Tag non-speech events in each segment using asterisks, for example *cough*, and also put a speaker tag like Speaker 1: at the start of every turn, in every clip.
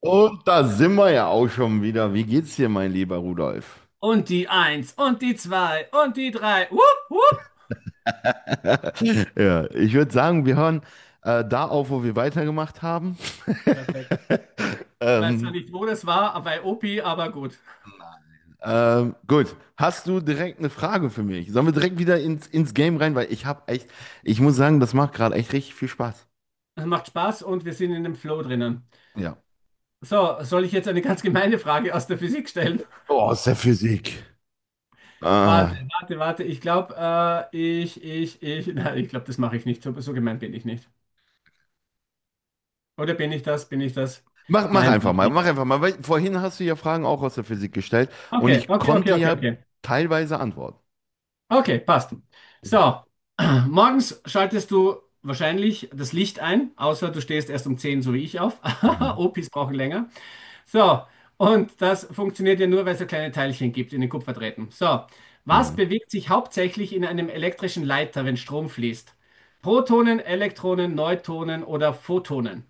Speaker 1: Und da sind wir ja auch schon wieder. Wie geht's dir, mein lieber Rudolf?
Speaker 2: Und die eins und die zwei und die drei. Wupp, wupp.
Speaker 1: *laughs* Ja, ich würde sagen, wir hören da auf, wo wir weitergemacht haben. *laughs*
Speaker 2: Perfekt. Ich weiß zwar
Speaker 1: Ähm,
Speaker 2: nicht, wo das war, bei Opi, aber gut.
Speaker 1: gut, hast du direkt eine Frage für mich? Sollen wir direkt wieder ins Game rein? Weil ich muss sagen, das macht gerade echt richtig viel Spaß.
Speaker 2: Es macht Spaß und wir sind in dem Flow drinnen.
Speaker 1: Ja.
Speaker 2: So, soll ich jetzt eine ganz gemeine Frage aus der Physik stellen?
Speaker 1: Oh, aus der Physik.
Speaker 2: *laughs*
Speaker 1: Ah.
Speaker 2: Warte, warte, warte. Ich glaube, äh, ich, ich, ich. Nein, ich glaube, das mache ich nicht. So, so gemein bin ich nicht. Oder bin ich das? Bin ich das? Nein, bin ich nicht.
Speaker 1: Mach einfach mal. Weil vorhin hast du ja Fragen auch aus der Physik gestellt und
Speaker 2: Okay,
Speaker 1: ich
Speaker 2: okay, okay,
Speaker 1: konnte
Speaker 2: okay,
Speaker 1: ja
Speaker 2: okay.
Speaker 1: teilweise antworten.
Speaker 2: Okay, passt. So, *clears throat* morgens schaltest du wahrscheinlich das Licht ein, außer du stehst erst um 10, so wie ich, auf. *laughs*
Speaker 1: Mhm.
Speaker 2: Opis brauchen länger. So, und das funktioniert ja nur, weil es so kleine Teilchen gibt in den Kupferdrähten. So, was
Speaker 1: Mhm.
Speaker 2: bewegt sich hauptsächlich in einem elektrischen Leiter, wenn Strom fließt? Protonen, Elektronen, Neutronen oder Photonen?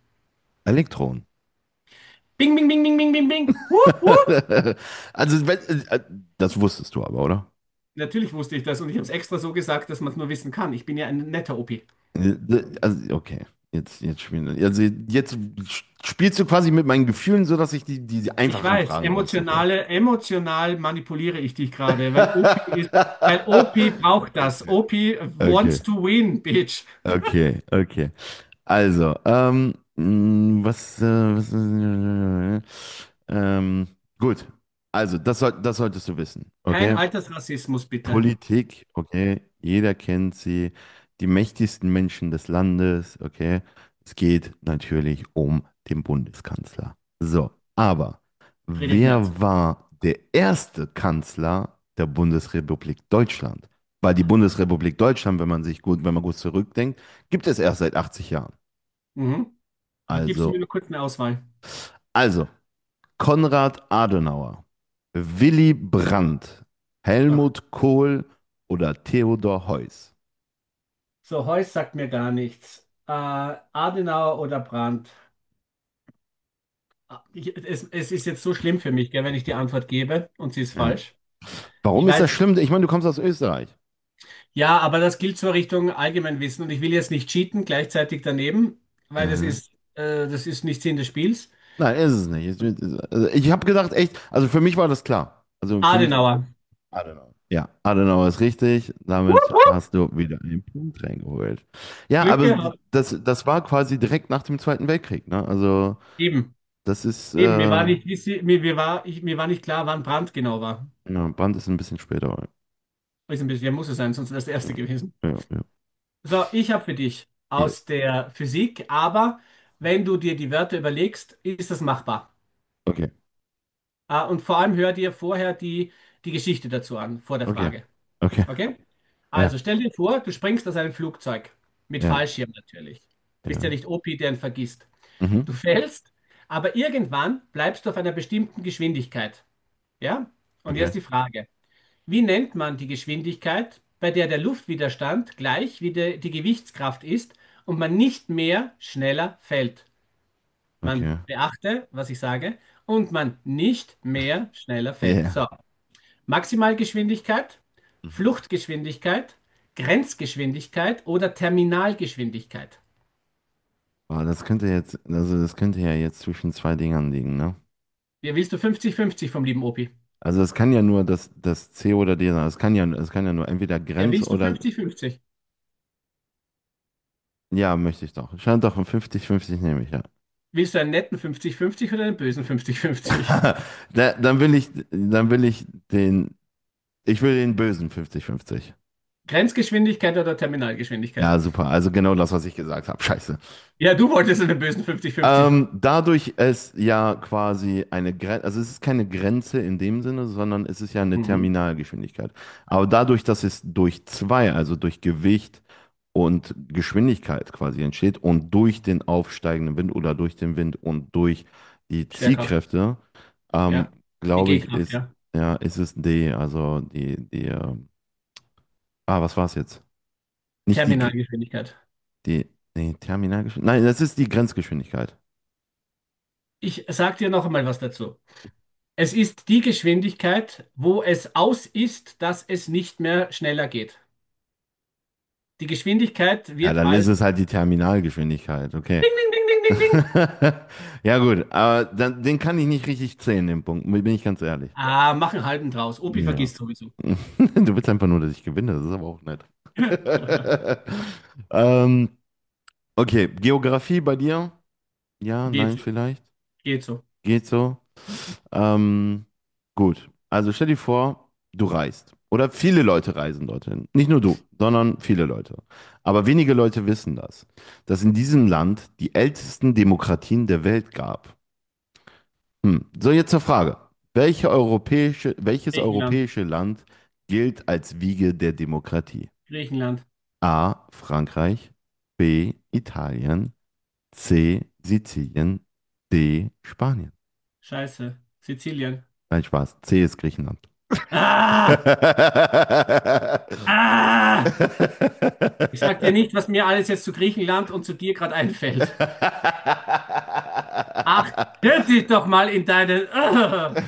Speaker 1: Elektron.
Speaker 2: Bing, bing, bing, bing, bing, bing, bing. Wupp, wupp.
Speaker 1: *laughs* Also, wenn, äh, das wusstest du aber, oder?
Speaker 2: Natürlich wusste ich das und ich habe es extra so gesagt, dass man es nur wissen kann. Ich bin ja ein netter OP.
Speaker 1: Äh, Also, okay. Jetzt, jetzt spielen, also jetzt spielst du quasi mit meinen Gefühlen, sodass ich die
Speaker 2: Ich
Speaker 1: einfachen
Speaker 2: weiß,
Speaker 1: Fragen aussuche.
Speaker 2: emotional manipuliere ich dich gerade, weil OP ist, weil OP
Speaker 1: *laughs*
Speaker 2: braucht das.
Speaker 1: Okay.
Speaker 2: OP
Speaker 1: Okay.
Speaker 2: wants to win, bitch.
Speaker 1: Okay. Okay. Also, äh, ähm, gut. Also, das solltest du wissen,
Speaker 2: Kein
Speaker 1: okay?
Speaker 2: Altersrassismus, bitte.
Speaker 1: Politik, okay, jeder kennt sie, die mächtigsten Menschen des Landes, okay. Es geht natürlich um den Bundeskanzler. So, aber
Speaker 2: Friedrich Merz.
Speaker 1: wer war der erste Kanzler der Bundesrepublik Deutschland? Weil die Bundesrepublik Deutschland, wenn man gut zurückdenkt, gibt es erst seit 80 Jahren.
Speaker 2: Mhm. Ach, gibst du
Speaker 1: Also,
Speaker 2: mir nur kurz eine Auswahl?
Speaker 1: also Konrad Adenauer, Willy Brandt,
Speaker 2: Ach,
Speaker 1: Helmut Kohl oder Theodor Heuss.
Speaker 2: so, Heuss sagt mir gar nichts. Adenauer oder Brandt? Ah, es ist jetzt so schlimm für mich, gell, wenn ich die Antwort gebe und sie ist
Speaker 1: Ja.
Speaker 2: falsch. Ich
Speaker 1: Warum ist
Speaker 2: weiß,
Speaker 1: das schlimm? Ich meine, du kommst aus Österreich.
Speaker 2: ja, aber das gilt so Richtung Allgemeinwissen und ich will jetzt nicht cheaten, gleichzeitig daneben, weil
Speaker 1: Mhm.
Speaker 2: das ist nicht Sinn des Spiels.
Speaker 1: Nein, ist es nicht. Also ich habe gedacht, echt, also für mich war das klar. Also für mich,
Speaker 2: Adenauer.
Speaker 1: Adenauer. Ja, Adenauer ist richtig. Damit hast du wieder einen Punkt reingeholt. Ja,
Speaker 2: Glück
Speaker 1: aber
Speaker 2: gehabt.
Speaker 1: das war quasi direkt nach dem Zweiten Weltkrieg. Ne? Also
Speaker 2: Eben.
Speaker 1: das ist,
Speaker 2: Eben,
Speaker 1: ja,
Speaker 2: mir war nicht klar, wann Brandt genau war.
Speaker 1: Brand ist ein bisschen später. Aber
Speaker 2: Ist ein bisschen, ja, muss es sein, sonst wäre es der
Speaker 1: ja,
Speaker 2: Erste gewesen.
Speaker 1: ja, ja.
Speaker 2: So, ich habe für dich
Speaker 1: Ja.
Speaker 2: aus der Physik, aber wenn du dir die Wörter überlegst, ist das machbar.
Speaker 1: Okay,
Speaker 2: Ah, und vor allem hör dir vorher die Geschichte dazu an, vor der
Speaker 1: okay,
Speaker 2: Frage.
Speaker 1: okay.
Speaker 2: Okay? Also
Speaker 1: Ja,
Speaker 2: stell dir vor, du springst aus einem Flugzeug. Mit
Speaker 1: ja,
Speaker 2: Fallschirm natürlich. Bist ja
Speaker 1: ja.
Speaker 2: nicht OP, der ihn vergisst.
Speaker 1: Mhm.
Speaker 2: Du fällst, aber irgendwann bleibst du auf einer bestimmten Geschwindigkeit. Ja? Und
Speaker 1: Okay,
Speaker 2: jetzt die Frage: Wie nennt man die Geschwindigkeit, bei der der Luftwiderstand gleich wie die Gewichtskraft ist und man nicht mehr schneller fällt? Man
Speaker 1: okay.
Speaker 2: beachte, was ich sage, und man nicht mehr schneller fällt.
Speaker 1: Ja.
Speaker 2: So, Maximalgeschwindigkeit,
Speaker 1: Mhm.
Speaker 2: Fluchtgeschwindigkeit, Grenzgeschwindigkeit oder Terminalgeschwindigkeit?
Speaker 1: Boah, das könnte jetzt, also das könnte ja jetzt zwischen zwei Dingern liegen, ne?
Speaker 2: Ja, willst du 50-50 vom lieben Opi?
Speaker 1: Also es kann ja nur das C oder D sein. Es kann ja nur entweder
Speaker 2: Ja,
Speaker 1: Grenz
Speaker 2: willst du
Speaker 1: oder
Speaker 2: fünfzig fünfzig?
Speaker 1: ja, möchte ich doch. Scheint doch ein 50-50 nehme ich, ja.
Speaker 2: Willst du einen netten 50-50 oder einen bösen 50-50?
Speaker 1: *laughs* Da, dann will ich den, ich will den bösen 50-50.
Speaker 2: Grenzgeschwindigkeit oder Terminalgeschwindigkeit?
Speaker 1: Ja, super. Also genau das, was ich gesagt habe. Scheiße.
Speaker 2: Ja, du wolltest einen bösen 50-50.
Speaker 1: Dadurch es ja quasi eine Grenze, also es ist keine Grenze in dem Sinne, sondern es ist ja eine
Speaker 2: Mhm.
Speaker 1: Terminalgeschwindigkeit. Aber dadurch, dass es durch zwei, also durch Gewicht und Geschwindigkeit quasi entsteht und durch den aufsteigenden Wind oder durch den Wind und durch die
Speaker 2: Schwerkraft,
Speaker 1: Ziehkräfte, ähm,
Speaker 2: ja. Die
Speaker 1: glaube ich,
Speaker 2: G-Kraft,
Speaker 1: ist,
Speaker 2: ja.
Speaker 1: ja, ist es D, also was war es jetzt? Nicht
Speaker 2: Terminalgeschwindigkeit.
Speaker 1: die, nee, Terminalgeschwindigkeit, nein, das ist die Grenzgeschwindigkeit.
Speaker 2: Ich sag dir noch einmal was dazu. Es ist die Geschwindigkeit, wo es aus ist, dass es nicht mehr schneller geht. Die Geschwindigkeit
Speaker 1: Ja,
Speaker 2: wird
Speaker 1: dann ist
Speaker 2: als
Speaker 1: es halt die Terminalgeschwindigkeit, okay.
Speaker 2: Ding, ding, ding, ding, ding, ding.
Speaker 1: *laughs* Ja, gut, aber dann, den kann ich nicht richtig zählen, den Punkt, bin ich ganz ehrlich.
Speaker 2: Ah, mach einen halben draus. Opi
Speaker 1: Ja.
Speaker 2: vergisst sowieso.
Speaker 1: *laughs* Du willst einfach nur, dass ich gewinne, das ist aber auch nett.
Speaker 2: *laughs*
Speaker 1: *laughs* Ähm, okay, Geografie bei dir? Ja,
Speaker 2: Geht
Speaker 1: nein,
Speaker 2: so.
Speaker 1: vielleicht.
Speaker 2: Geht so.
Speaker 1: Geht so. Ähm, gut, also stell dir vor, du reist. Oder viele Leute reisen dorthin. Nicht nur du, sondern viele Leute. Aber wenige Leute wissen das, dass in diesem Land die ältesten Demokratien der Welt gab. Hm. So, jetzt zur Frage. Welches
Speaker 2: Griechenland.
Speaker 1: europäische Land gilt als Wiege der Demokratie?
Speaker 2: Griechenland.
Speaker 1: A. Frankreich, B. Italien, C. Sizilien, D. Spanien.
Speaker 2: Scheiße. Sizilien.
Speaker 1: Nein, Spaß. C ist Griechenland.
Speaker 2: Ah!
Speaker 1: *laughs*
Speaker 2: Ah! Ich sag dir nicht, was mir alles jetzt zu Griechenland und zu dir gerade einfällt. Ach, hör dich doch mal in deinen. *laughs* Ah!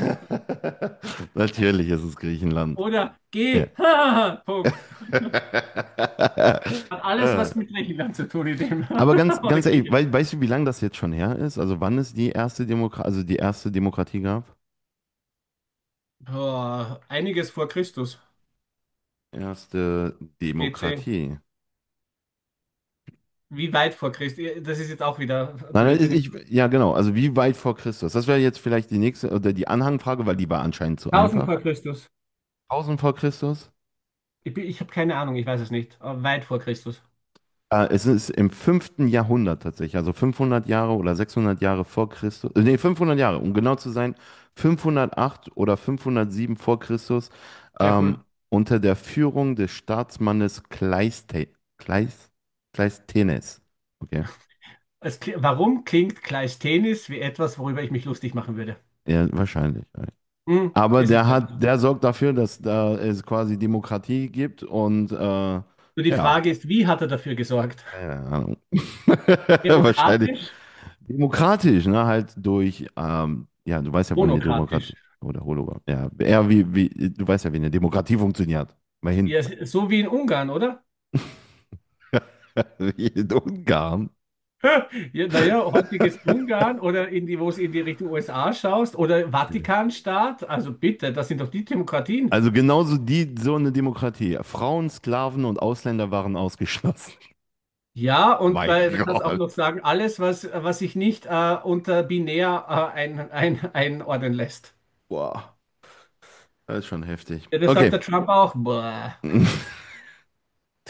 Speaker 1: Natürlich ist es Griechenland.
Speaker 2: Oder
Speaker 1: Ja.
Speaker 2: geh. *laughs* Ah! Punkt.
Speaker 1: *laughs*
Speaker 2: Hat alles
Speaker 1: Äh,
Speaker 2: was mit Griechenland zu tun, in dem.
Speaker 1: Aber ganz,
Speaker 2: *laughs* Oder
Speaker 1: ganz ehrlich,
Speaker 2: Griechenland.
Speaker 1: weißt du, wie lange das jetzt schon her ist? Also wann es die erste Demokratie, also die erste Demokratie gab?
Speaker 2: Oh, einiges vor Christus.
Speaker 1: Erste
Speaker 2: BC.
Speaker 1: Demokratie.
Speaker 2: Wie weit vor Christus? Das ist jetzt auch wieder
Speaker 1: Nein,
Speaker 2: blöd, wenn ich.
Speaker 1: ja genau, also wie weit vor Christus? Das wäre jetzt vielleicht die nächste oder die Anhangfrage, weil die war anscheinend zu
Speaker 2: 1000
Speaker 1: einfach.
Speaker 2: vor Christus.
Speaker 1: 1000 vor Christus?
Speaker 2: Ich habe keine Ahnung, ich weiß es nicht. Aber weit vor Christus.
Speaker 1: Es ist im fünften Jahrhundert tatsächlich, also 500 Jahre oder 600 Jahre vor Christus, nee, 500 Jahre, um genau zu sein, 508 oder 507 vor Christus,
Speaker 2: Sehr
Speaker 1: ähm,
Speaker 2: cool.
Speaker 1: unter der Führung des Staatsmannes Kleis, Kleisthenes. Okay,
Speaker 2: Warum klingt Kleisthenes wie etwas, worüber ich mich lustig machen würde?
Speaker 1: ja, wahrscheinlich. Ja.
Speaker 2: Hm,
Speaker 1: Aber
Speaker 2: es ist leider so.
Speaker 1: der sorgt dafür, dass da es quasi Demokratie gibt und
Speaker 2: Nur die Frage
Speaker 1: ja,
Speaker 2: ist, wie hat er dafür gesorgt?
Speaker 1: keine Ahnung. *laughs* Wahrscheinlich,
Speaker 2: Demokratisch?
Speaker 1: demokratisch, ne? Halt durch, ja, du weißt ja, wo eine Demokratie
Speaker 2: Monokratisch?
Speaker 1: oder Hologramm. Ja, eher du weißt ja, wie eine Demokratie funktioniert. Mal hin.
Speaker 2: Ja, so wie in Ungarn, oder?
Speaker 1: *laughs* Wie in Ungarn.
Speaker 2: *laughs* Ja, naja, heutiges
Speaker 1: *laughs*
Speaker 2: Ungarn oder in die, wo es in die Richtung USA schaust oder Vatikanstaat. Also bitte, das sind doch die Demokratien.
Speaker 1: Also genauso die, so eine Demokratie. Frauen, Sklaven und Ausländer waren ausgeschlossen. *laughs*
Speaker 2: Ja, und
Speaker 1: Mein
Speaker 2: bei, du kannst du auch
Speaker 1: Gott.
Speaker 2: noch sagen, alles, was sich nicht unter binär einordnen lässt.
Speaker 1: Wow, das ist schon heftig.
Speaker 2: Ja, das
Speaker 1: Okay.
Speaker 2: sagt der Trump auch. Boah.
Speaker 1: *laughs*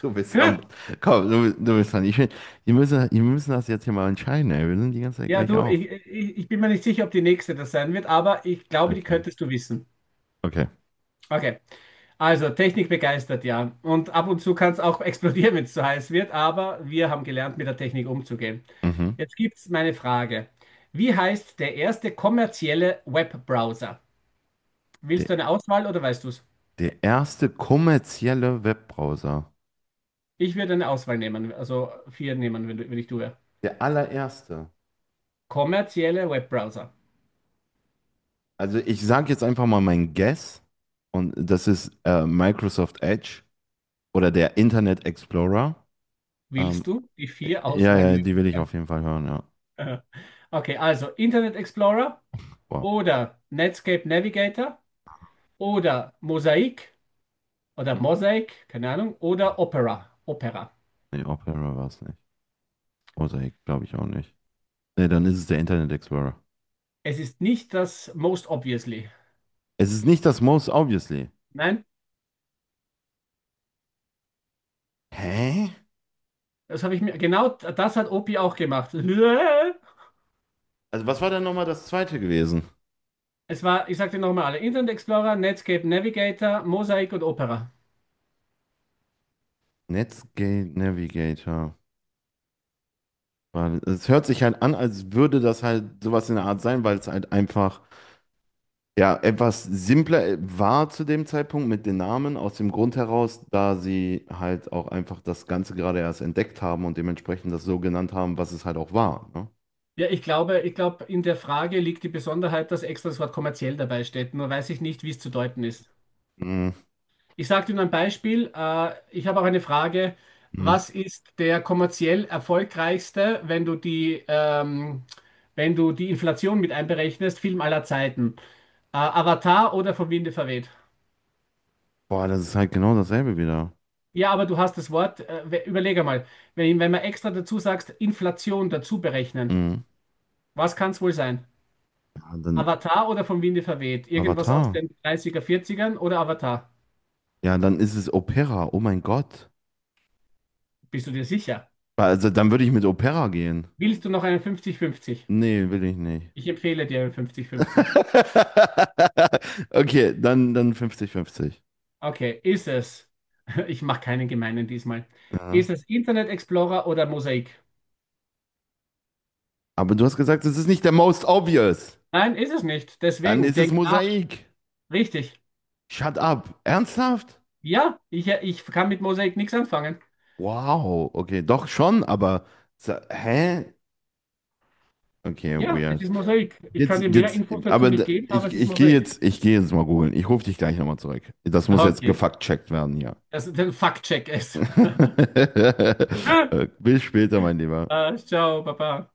Speaker 1: Du bist am.
Speaker 2: *laughs*
Speaker 1: Du bist dran. Ich will, wir müssen das jetzt hier mal entscheiden, ey. Wir sind die ganze Zeit
Speaker 2: Ja,
Speaker 1: gleich
Speaker 2: du,
Speaker 1: auf.
Speaker 2: ich bin mir nicht sicher, ob die nächste das sein wird, aber ich glaube, die
Speaker 1: Okay.
Speaker 2: könntest du wissen.
Speaker 1: Okay.
Speaker 2: Okay. Also, Technik begeistert, ja. Und ab und zu kann es auch *laughs* explodieren, wenn es zu heiß wird, aber wir haben gelernt, mit der Technik umzugehen.
Speaker 1: Mhm.
Speaker 2: Jetzt gibt's meine Frage. Wie heißt der erste kommerzielle Webbrowser?
Speaker 1: Der
Speaker 2: Willst du eine Auswahl oder weißt du es?
Speaker 1: Der erste kommerzielle Webbrowser.
Speaker 2: Ich würde eine Auswahl nehmen, also vier nehmen, wenn, wenn ich du wäre.
Speaker 1: Der allererste.
Speaker 2: Kommerzielle Webbrowser.
Speaker 1: Also ich sage jetzt einfach mal mein Guess und das ist Microsoft Edge oder der Internet Explorer. Ähm,
Speaker 2: Willst du die vier
Speaker 1: ja, ja, die will ich auf
Speaker 2: Auswahlmöglichkeiten?
Speaker 1: jeden Fall hören, ja.
Speaker 2: *laughs* Okay, also Internet Explorer
Speaker 1: Wow.
Speaker 2: oder Netscape Navigator oder Mosaic, keine Ahnung, oder Opera. Opera.
Speaker 1: Nee, Opera war es nicht. Mosaic glaube ich auch nicht. Nee, dann ist es der Internet Explorer.
Speaker 2: Es ist nicht das Most Obviously.
Speaker 1: Es ist nicht das Most Obviously.
Speaker 2: Nein,
Speaker 1: Hä?
Speaker 2: das habe ich mir, genau das hat Opi auch gemacht. *laughs*
Speaker 1: Also was war denn nochmal das zweite gewesen?
Speaker 2: Es war, ich sagte nochmal alle, Internet Explorer, Netscape Navigator, Mosaic und Opera.
Speaker 1: Netscape Navigator. Weil es hört sich halt an, als würde das halt sowas in der Art sein, weil es halt einfach ja etwas simpler war zu dem Zeitpunkt mit den Namen, aus dem Grund heraus, da sie halt auch einfach das Ganze gerade erst entdeckt haben und dementsprechend das so genannt haben, was es halt auch war. Ne?
Speaker 2: Ja, ich glaube, in der Frage liegt die Besonderheit, dass extra das Wort kommerziell dabei steht. Nur weiß ich nicht, wie es zu deuten ist.
Speaker 1: Mhm.
Speaker 2: Ich sage dir nur ein Beispiel. Ich habe auch eine Frage.
Speaker 1: Mhm.
Speaker 2: Was ist der kommerziell erfolgreichste, wenn du die Inflation mit einberechnest, Film aller Zeiten? Avatar oder vom Winde verweht?
Speaker 1: Boah, das ist halt genau dasselbe wieder.
Speaker 2: Ja, aber du hast das Wort. Überleg einmal, wenn man extra dazu sagst, Inflation dazu berechnen,
Speaker 1: Mhm.
Speaker 2: was kann es wohl sein?
Speaker 1: Ja, dann
Speaker 2: Avatar oder vom Winde verweht? Irgendwas aus
Speaker 1: Avatar.
Speaker 2: den dreißiger er oder Avatar?
Speaker 1: Ja, dann ist es Opera. Oh mein Gott.
Speaker 2: Bist du dir sicher?
Speaker 1: Also dann würde ich mit Opera gehen.
Speaker 2: Willst du noch einen 50-50?
Speaker 1: Nee, will ich nicht.
Speaker 2: Ich empfehle dir einen 50-50.
Speaker 1: *laughs* Okay, dann 50-50.
Speaker 2: Okay, ist es? *laughs* Ich mache keinen gemeinen diesmal.
Speaker 1: Ja.
Speaker 2: Ist es Internet Explorer oder Mosaik?
Speaker 1: Aber du hast gesagt, es ist nicht der most obvious.
Speaker 2: Nein, ist es nicht.
Speaker 1: Dann
Speaker 2: Deswegen,
Speaker 1: ist es
Speaker 2: denk nach.
Speaker 1: Mosaik.
Speaker 2: Richtig.
Speaker 1: Shut up. Ernsthaft?
Speaker 2: Ja, ich kann mit Mosaik nichts anfangen.
Speaker 1: Wow. Okay, doch schon, aber. Hä? Okay,
Speaker 2: Ja, es
Speaker 1: weird.
Speaker 2: ist Mosaik. Ich kann
Speaker 1: Jetzt,
Speaker 2: dir mehr
Speaker 1: jetzt,
Speaker 2: Infos dazu
Speaker 1: aber
Speaker 2: nicht
Speaker 1: d-
Speaker 2: geben, aber
Speaker 1: ich,
Speaker 2: es ist Mosaik.
Speaker 1: ich gehe jetzt mal googeln. Ich rufe dich gleich nochmal zurück. Das muss jetzt
Speaker 2: Okay,
Speaker 1: gefact-checkt werden hier.
Speaker 2: das ist ein Fact-Check ist. *laughs*
Speaker 1: *laughs* Bis später, mein Lieber.
Speaker 2: Ciao, Papa.